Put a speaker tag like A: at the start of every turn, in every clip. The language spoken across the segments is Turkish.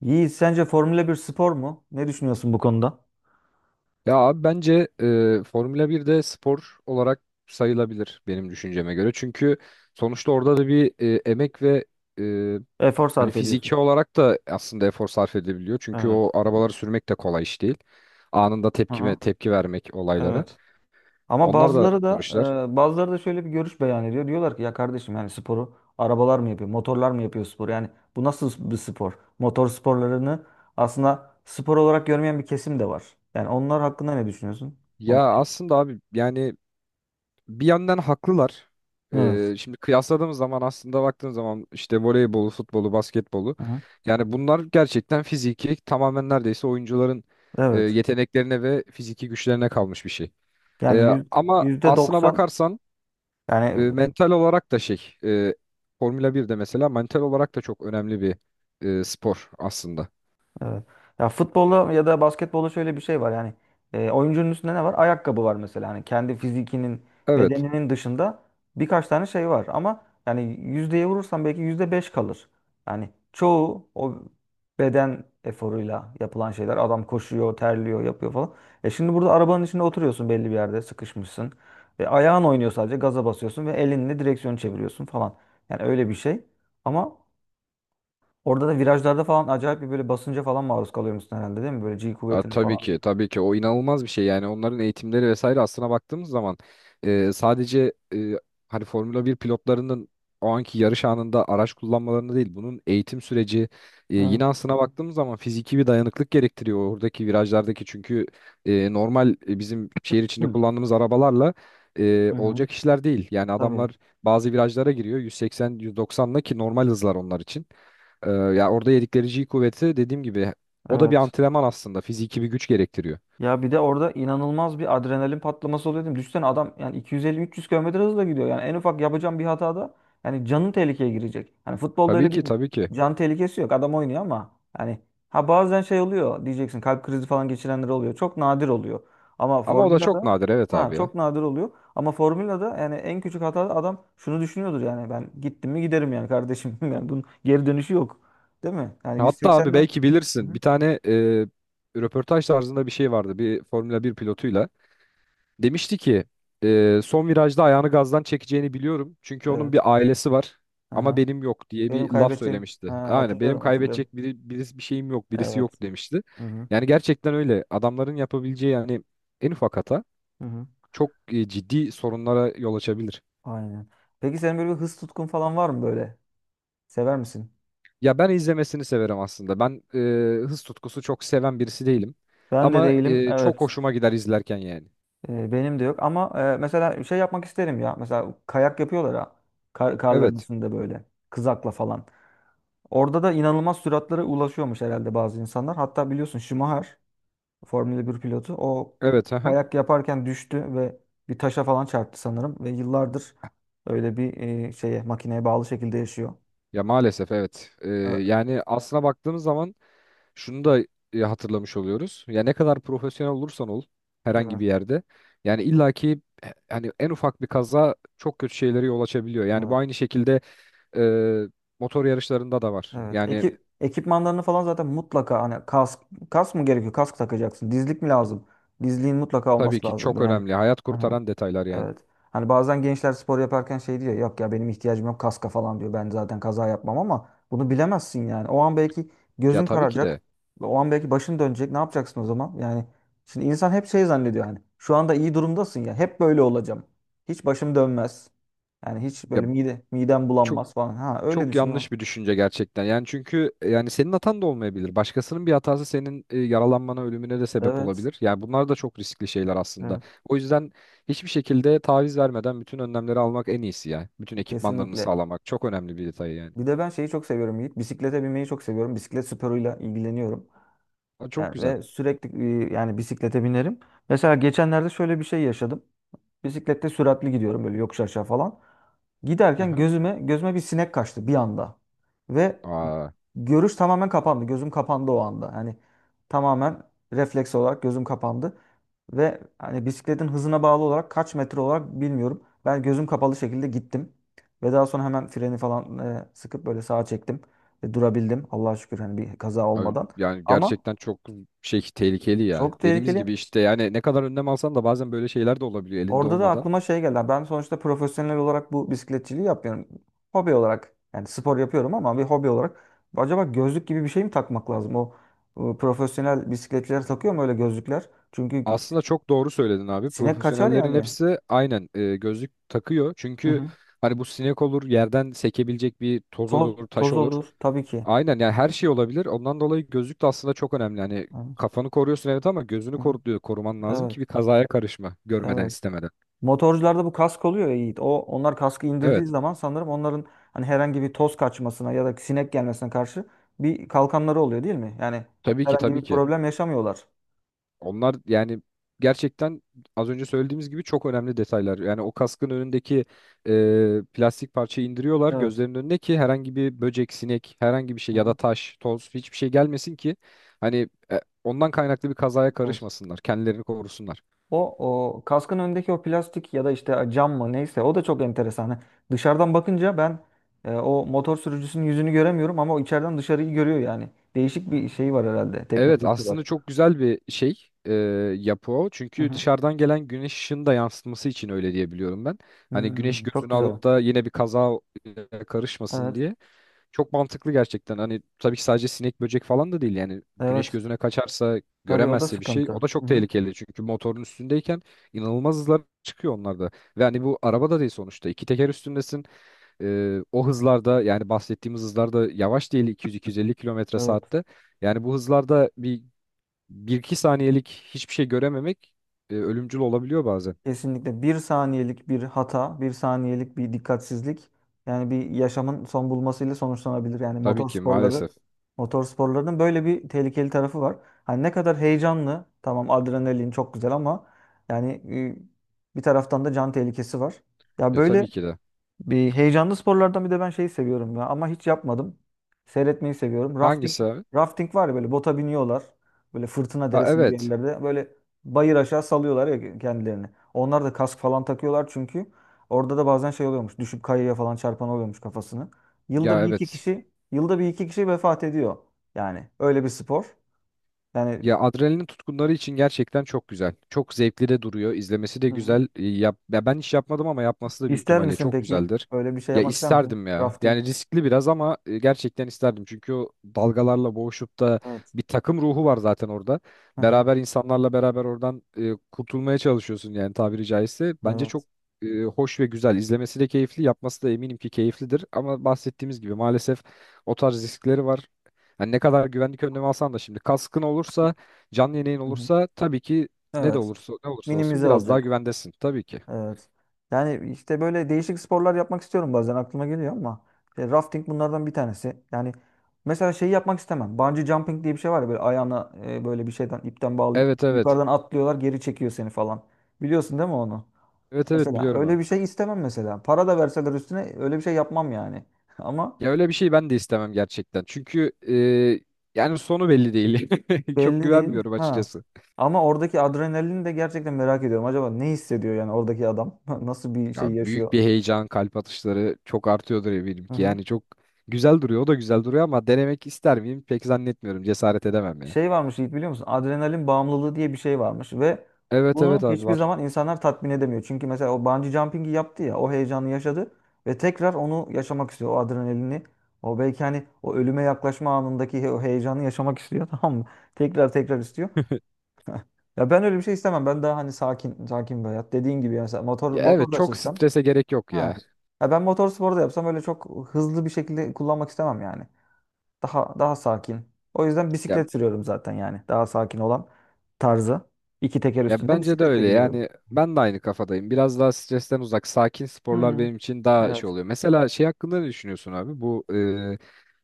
A: Yiğit, sence Formula bir spor mu? Ne düşünüyorsun bu konuda?
B: Ya abi bence Formula 1 de spor olarak sayılabilir benim düşünceme göre. Çünkü sonuçta orada da bir emek ve e,
A: Efor
B: hani
A: sarf ediyorsun.
B: fiziki olarak da aslında efor sarf edebiliyor. Çünkü
A: Evet.
B: o arabaları sürmek de kolay iş değil. Anında
A: Hı hı.
B: tepki tepki vermek olaylara.
A: Evet. Ama
B: Onlar da
A: bazıları da
B: yarışlar.
A: bazıları da şöyle bir görüş beyan ediyor. Diyorlar ki ya kardeşim, yani sporu arabalar mı yapıyor, motorlar mı yapıyor spor? Yani bu nasıl bir spor? Motor sporlarını aslında spor olarak görmeyen bir kesim de var. Yani onlar hakkında ne düşünüyorsun?
B: Ya
A: Ona
B: aslında abi yani bir yandan haklılar.
A: evet.
B: Şimdi kıyasladığımız zaman aslında baktığın zaman işte voleybolu, futbolu, basketbolu
A: Hı hı.
B: yani bunlar gerçekten fiziki tamamen neredeyse oyuncuların
A: Evet.
B: yeteneklerine ve fiziki güçlerine kalmış bir şey.
A: Yani yüz-
B: Ama
A: Yüzde
B: aslına
A: doksan
B: bakarsan
A: yani.
B: mental olarak da Formula 1 de mesela mental olarak da çok önemli bir spor aslında.
A: Evet. Ya futbolda ya da basketbolda şöyle bir şey var yani, oyuncunun üstünde ne var? Ayakkabı var mesela, hani kendi fizikinin,
B: Evet.
A: bedeninin dışında birkaç tane şey var ama yani yüzdeye vurursan belki yüzde beş kalır. Yani çoğu o beden eforuyla yapılan şeyler, adam koşuyor, terliyor, yapıyor falan. E şimdi burada arabanın içinde oturuyorsun, belli bir yerde sıkışmışsın ve ayağın oynuyor, sadece gaza basıyorsun ve elinle direksiyonu çeviriyorsun falan. Yani öyle bir şey ama orada da virajlarda falan acayip bir böyle basınca falan maruz kalıyormuşsun herhalde, değil mi? Böyle G kuvvetine
B: Tabii
A: falan.
B: ki tabii ki o inanılmaz bir şey yani onların eğitimleri vesaire aslına baktığımız zaman sadece hani Formula bir pilotlarının o anki yarış anında araç kullanmalarını değil bunun eğitim süreci
A: Evet.
B: yine aslına baktığımız zaman fiziki bir dayanıklık gerektiriyor oradaki virajlardaki çünkü normal bizim şehir içinde kullandığımız arabalarla
A: Hı hı.
B: olacak işler değil yani
A: Tabii.
B: adamlar bazı virajlara giriyor 180-190'la ki normal hızlar onlar için. Ya orada yedikleri G kuvveti dediğim gibi o da bir
A: Evet.
B: antrenman aslında. Fiziki bir güç gerektiriyor.
A: Ya bir de orada inanılmaz bir adrenalin patlaması oluyor değil mi? Düşünsene, adam yani 250-300 kilometre hızla gidiyor. Yani en ufak yapacağım bir hatada yani canın tehlikeye girecek. Hani futbolda
B: Tabii
A: öyle
B: ki
A: bir
B: tabii ki.
A: can tehlikesi yok. Adam oynuyor ama yani, ha bazen şey oluyor diyeceksin, kalp krizi falan geçirenler oluyor. Çok nadir oluyor. Ama
B: Ama o da çok
A: formülada
B: nadir, evet
A: ha
B: abi ya.
A: çok nadir oluyor. Ama formülada yani en küçük hatada adam şunu düşünüyordur: yani ben gittim mi giderim yani kardeşim. Yani bunun geri dönüşü yok. Değil mi? Yani
B: Hatta abi
A: 180'le.
B: belki
A: Hı
B: bilirsin
A: hı.
B: bir tane röportaj tarzında bir şey vardı bir Formula bir pilotuyla. Demişti ki son virajda ayağını gazdan çekeceğini biliyorum. Çünkü onun
A: Evet.
B: bir ailesi var ama benim yok diye
A: Benim
B: bir laf
A: kaybettiğim. Ha,
B: söylemişti. Aynen benim
A: hatırlıyorum hatırlıyorum.
B: kaybedecek biri, birisi bir şeyim yok birisi
A: Evet.
B: yok demişti.
A: Hı hı.
B: Yani gerçekten öyle adamların yapabileceği yani en ufak hata
A: Hı hı.
B: çok ciddi sorunlara yol açabilir.
A: Aynen. Peki senin böyle bir hız tutkun falan var mı böyle? Sever misin?
B: Ya ben izlemesini severim aslında. Ben hız tutkusu çok seven birisi değilim.
A: Ben de
B: Ama
A: değilim.
B: çok
A: Evet.
B: hoşuma gider izlerken yani.
A: Benim de yok. Ama mesela şey yapmak isterim ya. Mesela kayak yapıyorlar ha. Karların
B: Evet.
A: üstünde böyle. Kızakla falan. Orada da inanılmaz süratlere ulaşıyormuş herhalde bazı insanlar. Hatta biliyorsun Schumacher, Formula bir pilotu. O
B: Evet. Aha.
A: kayak yaparken düştü ve bir taşa falan çarptı sanırım. Ve yıllardır öyle bir şeye, makineye bağlı şekilde yaşıyor.
B: Ya maalesef evet.
A: Evet,
B: Yani aslına baktığımız zaman şunu da hatırlamış oluyoruz. Ya ne kadar profesyonel olursan ol herhangi
A: evet,
B: bir yerde. Yani illaki hani en ufak bir kaza çok kötü şeylere yol açabiliyor. Yani bu
A: evet,
B: aynı şekilde e, motor yarışlarında da var.
A: evet.
B: Yani
A: Ekipmanlarını falan zaten mutlaka, hani kask, kask mı gerekiyor? Kask takacaksın. Dizlik mi lazım? Dizliğin mutlaka
B: tabii
A: olması
B: ki
A: lazım
B: çok
A: yani.
B: önemli. Hayat kurtaran detaylar yani.
A: Evet. Hani bazen gençler spor yaparken şey diyor: yok ya benim ihtiyacım yok kaska falan diyor, ben zaten kaza yapmam, ama bunu bilemezsin yani. O an belki
B: Ya
A: gözün
B: tabii ki
A: kararacak.
B: de.
A: O an belki başın dönecek. Ne yapacaksın o zaman? Yani şimdi insan hep şey zannediyor yani, şu anda iyi durumdasın ya, hep böyle olacağım, hiç başım dönmez. Yani hiç
B: Ya
A: böyle midem
B: çok
A: bulanmaz falan. Ha öyle
B: Çok
A: düşünüyor.
B: yanlış bir düşünce gerçekten. Yani çünkü yani senin hatan da olmayabilir. Başkasının bir hatası senin yaralanmana, ölümüne de sebep
A: Evet.
B: olabilir. Yani bunlar da çok riskli şeyler aslında.
A: Evet.
B: O yüzden hiçbir şekilde taviz vermeden bütün önlemleri almak en iyisi ya. Bütün ekipmanlarını
A: Kesinlikle.
B: sağlamak çok önemli bir detay yani.
A: Bir de ben şeyi çok seviyorum Yiğit. Bisiklete binmeyi çok seviyorum. Bisiklet sporuyla ilgileniyorum.
B: Aa, çok
A: Yani
B: güzel.
A: ve sürekli yani bisiklete binerim. Mesela geçenlerde şöyle bir şey yaşadım. Bisiklette süratli gidiyorum böyle yokuş aşağı falan. Giderken
B: Aha.
A: gözüme bir sinek kaçtı bir anda. Ve
B: Aa,
A: görüş tamamen kapandı. Gözüm kapandı o anda. Yani tamamen refleks olarak gözüm kapandı. Ve hani bisikletin hızına bağlı olarak kaç metre olarak bilmiyorum, ben gözüm kapalı şekilde gittim. Ve daha sonra hemen freni falan sıkıp böyle sağa çektim. Ve durabildim. Allah'a şükür, hani bir kaza
B: Abi
A: olmadan.
B: yani
A: Ama
B: gerçekten çok tehlikeli ya.
A: çok
B: Dediğimiz
A: tehlikeli.
B: gibi işte yani ne kadar önlem alsan da bazen böyle şeyler de olabiliyor elinde
A: Orada da
B: olmadan.
A: aklıma şey geldi. Ben sonuçta profesyonel olarak bu bisikletçiliği yapmıyorum. Hobi olarak, yani spor yapıyorum ama bir hobi olarak. Acaba gözlük gibi bir şey mi takmak lazım? O, profesyonel bisikletçiler takıyor mu öyle gözlükler? Çünkü
B: Aslında çok doğru söyledin abi.
A: sinek kaçar
B: Profesyonellerin
A: yani.
B: hepsi aynen gözlük takıyor.
A: Hı
B: Çünkü
A: hı.
B: hani bu sinek olur, yerden sekebilecek bir toz
A: Toz,
B: olur, taş
A: toz
B: olur.
A: olur tabii ki.
B: Aynen yani her şey olabilir. Ondan dolayı gözlük de aslında çok önemli. Hani
A: Hı
B: kafanı koruyorsun evet ama gözünü
A: hı.
B: koruman lazım
A: Evet,
B: ki bir kazaya karışma görmeden
A: evet.
B: istemeden.
A: Motorcularda bu kask oluyor ya Yiğit. O, onlar kaskı indirdiği
B: Evet.
A: zaman sanırım onların, hani herhangi bir toz kaçmasına ya da sinek gelmesine karşı bir kalkanları oluyor, değil mi? Yani
B: Tabii ki
A: herhangi
B: tabii
A: bir
B: ki.
A: problem yaşamıyorlar.
B: Onlar yani gerçekten az önce söylediğimiz gibi çok önemli detaylar. Yani o kaskın önündeki plastik parçayı indiriyorlar
A: Evet.
B: gözlerinin önüne ki herhangi bir böcek, sinek, herhangi bir şey ya da
A: Hı-hı.
B: taş, toz hiçbir şey gelmesin ki hani ondan kaynaklı bir kazaya
A: Evet.
B: karışmasınlar, kendilerini korusunlar.
A: O, o kaskın önündeki o plastik ya da işte cam mı, neyse, o da çok enteresan. Hani dışarıdan bakınca ben o motor sürücüsünün yüzünü göremiyorum ama o içeriden dışarıyı görüyor yani. Değişik bir şey var herhalde.
B: Evet
A: Teknolojisi var.
B: aslında çok güzel bir e, yapı o. Çünkü
A: Hı-hı.
B: dışarıdan gelen güneş ışığını da yansıtması için öyle diye biliyorum ben. Hani güneş
A: Hmm, çok
B: gözünü
A: güzel.
B: alıp da yine bir kaza karışmasın
A: Evet.
B: diye. Çok mantıklı gerçekten. Hani tabii ki sadece sinek böcek falan da değil. Yani güneş
A: Evet.
B: gözüne kaçarsa
A: Tabii o da
B: göremezse bir şey
A: sıkıntı.
B: o da
A: Hı
B: çok
A: hı.
B: tehlikeli. Çünkü motorun üstündeyken inanılmaz hızlar çıkıyor onlarda. Ve hani bu araba da değil sonuçta. İki teker üstündesin. O hızlarda yani bahsettiğimiz hızlarda yavaş değil 200-250 kilometre
A: Evet.
B: saatte. Yani bu hızlarda bir iki saniyelik hiçbir şey görememek ölümcül olabiliyor bazen.
A: Kesinlikle bir saniyelik bir hata, bir saniyelik bir dikkatsizlik yani bir yaşamın son bulmasıyla sonuçlanabilir. Yani
B: Tabii ki maalesef.
A: motor sporlarının böyle bir tehlikeli tarafı var. Hani ne kadar heyecanlı, tamam adrenalin çok güzel ama yani bir taraftan da can tehlikesi var. Ya
B: Ya
A: böyle
B: tabii ki de.
A: bir heyecanlı sporlardan bir de ben şeyi seviyorum ya ama hiç yapmadım. Seyretmeyi seviyorum.
B: Hangisi abi?
A: Rafting var ya, böyle bota biniyorlar. Böyle fırtına
B: Ha
A: deresi gibi
B: evet.
A: yerlerde böyle bayır aşağı salıyorlar ya kendilerini. Onlar da kask falan takıyorlar çünkü orada da bazen şey oluyormuş. Düşüp kayaya falan çarpan oluyormuş kafasını. Yılda
B: Ya
A: bir iki
B: evet.
A: kişi, yılda bir iki kişi vefat ediyor. Yani öyle bir spor. Yani.
B: Ya adrenalin tutkunları için gerçekten çok güzel. Çok zevkli de duruyor. İzlemesi de
A: Hı hı.
B: güzel. Ya ben hiç yapmadım ama yapması da büyük
A: ister
B: ihtimalle
A: misin
B: çok
A: peki?
B: güzeldir.
A: Öyle bir şey
B: Ya
A: yapmak ister misin?
B: isterdim ya.
A: Rafting.
B: Yani riskli biraz ama gerçekten isterdim. Çünkü o dalgalarla boğuşup da
A: Evet.
B: bir takım ruhu var zaten orada.
A: Hı hı.
B: Beraber insanlarla beraber oradan kurtulmaya çalışıyorsun yani tabiri caizse. Bence çok
A: Evet.
B: hoş ve güzel. İzlemesi de keyifli, yapması da eminim ki keyiflidir. Ama bahsettiğimiz gibi maalesef o tarz riskleri var. Hani ne kadar güvenlik önlemi alsan da şimdi kaskın olursa canlı yayın
A: Hı hı.
B: olursa tabii ki ne de
A: Evet.
B: olursa ne olursa olsun
A: Minimize
B: biraz daha
A: olacak.
B: güvendesin tabii ki.
A: Evet. Yani işte böyle değişik sporlar yapmak istiyorum, bazen aklıma geliyor ama işte rafting bunlardan bir tanesi. Yani mesela şeyi yapmak istemem. Bungee jumping diye bir şey var ya, böyle ayağına böyle bir şeyden, ipten bağlayıp
B: Evet evet.
A: yukarıdan atlıyorlar, geri çekiyor seni falan. Biliyorsun değil mi onu?
B: Evet evet
A: Mesela
B: biliyorum abi.
A: öyle bir şey istemem mesela. Para da verseler üstüne öyle bir şey yapmam yani. Ama
B: Ya öyle bir şey ben de istemem gerçekten. Çünkü yani sonu belli değil. Çok
A: belli değil.
B: güvenmiyorum
A: Ha.
B: açıkçası.
A: Ama oradaki adrenalini de gerçekten merak ediyorum. Acaba ne hissediyor yani oradaki adam? Nasıl bir şey
B: Ya büyük
A: yaşıyor?
B: bir heyecan, kalp atışları çok artıyordur eminim ki. Yani çok güzel duruyor. O da güzel duruyor ama denemek ister miyim? Pek zannetmiyorum. Cesaret edemem ya.
A: Şey varmış Yiğit, biliyor musun? Adrenalin bağımlılığı diye bir şey varmış ve
B: Evet evet
A: bunu
B: abi
A: hiçbir
B: var.
A: zaman insanlar tatmin edemiyor. Çünkü mesela o bungee jumping'i yaptı ya, o heyecanı yaşadı ve tekrar onu yaşamak istiyor, o adrenalini. O belki hani o ölüme yaklaşma anındaki o heyecanı yaşamak istiyor. Tamam mı? Tekrar tekrar istiyor. Ya ben öyle bir şey istemem. Ben daha hani sakin sakin bir hayat. Dediğin gibi yani sen motor,
B: Ya evet,
A: motor da
B: çok
A: açılsam.
B: strese gerek yok
A: Ha.
B: ya.
A: Ya ben motor sporu da yapsam öyle çok hızlı bir şekilde kullanmak istemem yani. Daha daha sakin. O yüzden
B: Ya
A: bisiklet sürüyorum zaten yani. Daha sakin olan tarzı. İki teker
B: Ya
A: üstünde
B: bence de
A: bisikletle
B: öyle
A: gidiyorum.
B: yani ben de aynı kafadayım. Biraz daha stresten uzak, sakin sporlar
A: Hmm.
B: benim için daha şey
A: Evet.
B: oluyor. Mesela şey hakkında ne düşünüyorsun abi? Bu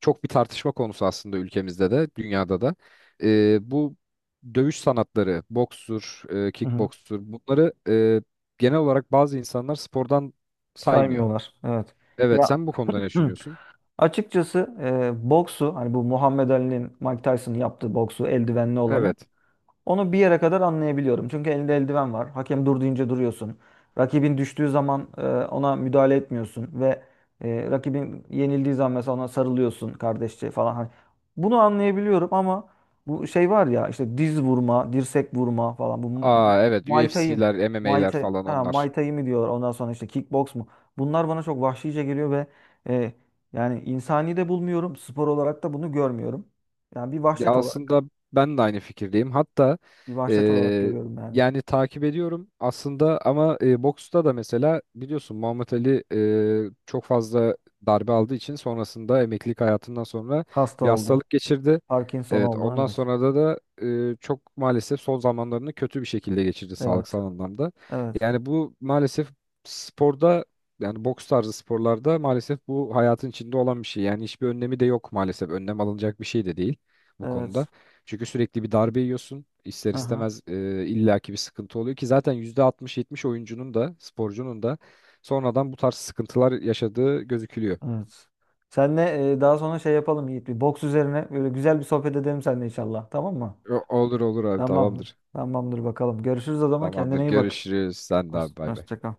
B: çok bir tartışma konusu aslında ülkemizde de, dünyada da. Bu dövüş sanatları, bokstur,
A: Hı hı.
B: kickbokstur bunları e, genel olarak bazı insanlar spordan saymıyor.
A: Saymıyorlar. Evet.
B: Evet,
A: Ya
B: sen bu konuda ne
A: hı.
B: düşünüyorsun?
A: Açıkçası boksu, hani bu Muhammed Ali'nin, Mike Tyson'ın yaptığı boksu, eldivenli olanı,
B: Evet.
A: onu bir yere kadar anlayabiliyorum. Çünkü elinde eldiven var. Hakem dur deyince duruyorsun. Rakibin düştüğü zaman ona müdahale etmiyorsun ve rakibin yenildiği zaman mesela ona sarılıyorsun kardeşçe falan. Hani bunu anlayabiliyorum ama bu şey var ya, işte diz vurma, dirsek vurma falan,
B: Aa evet,
A: Muay Thai,
B: UFC'ler,
A: Muay
B: MMA'ler
A: Thai,
B: falan
A: ha, Muay
B: onlar.
A: Thai mi diyorlar, ondan sonra işte kickbox mu? Bunlar bana çok vahşice geliyor ve e, yani insani de bulmuyorum. Spor olarak da bunu görmüyorum. Yani bir
B: Ya
A: vahşet olarak,
B: aslında ben de aynı fikirdeyim. Hatta
A: bir vahşet olarak
B: eee,
A: görüyorum yani.
B: yani takip ediyorum aslında ama boksta da mesela biliyorsun Muhammed Ali çok fazla darbe aldığı için sonrasında emeklilik hayatından sonra
A: Hasta
B: bir
A: oldu.
B: hastalık geçirdi.
A: Parkinson
B: Evet
A: oldu.
B: ondan
A: Evet.
B: sonra da çok maalesef son zamanlarını kötü bir şekilde geçirdi
A: Evet.
B: sağlıksal anlamda.
A: Evet.
B: Yani bu maalesef sporda yani boks tarzı sporlarda maalesef bu hayatın içinde olan bir şey. Yani hiçbir önlemi de yok maalesef. Önlem alınacak bir şey de değil bu konuda.
A: Evet.
B: Çünkü sürekli bir darbe yiyorsun. İster
A: Aha.
B: istemez illaki bir sıkıntı oluyor ki zaten %60-70 oyuncunun da sporcunun da sonradan bu tarz sıkıntılar yaşadığı gözükülüyor.
A: Evet. Seninle daha sonra şey yapalım Yiğit. Bir boks üzerine böyle güzel bir sohbet edelim seninle inşallah. Tamam mı?
B: Olur olur abi,
A: Tamam.
B: tamamdır.
A: Tamamdır bakalım. Görüşürüz o zaman.
B: Tamamdır.
A: Kendine iyi bak.
B: Görüşürüz. Sen de
A: Hoşça
B: abi bay bay.
A: hoşça kal.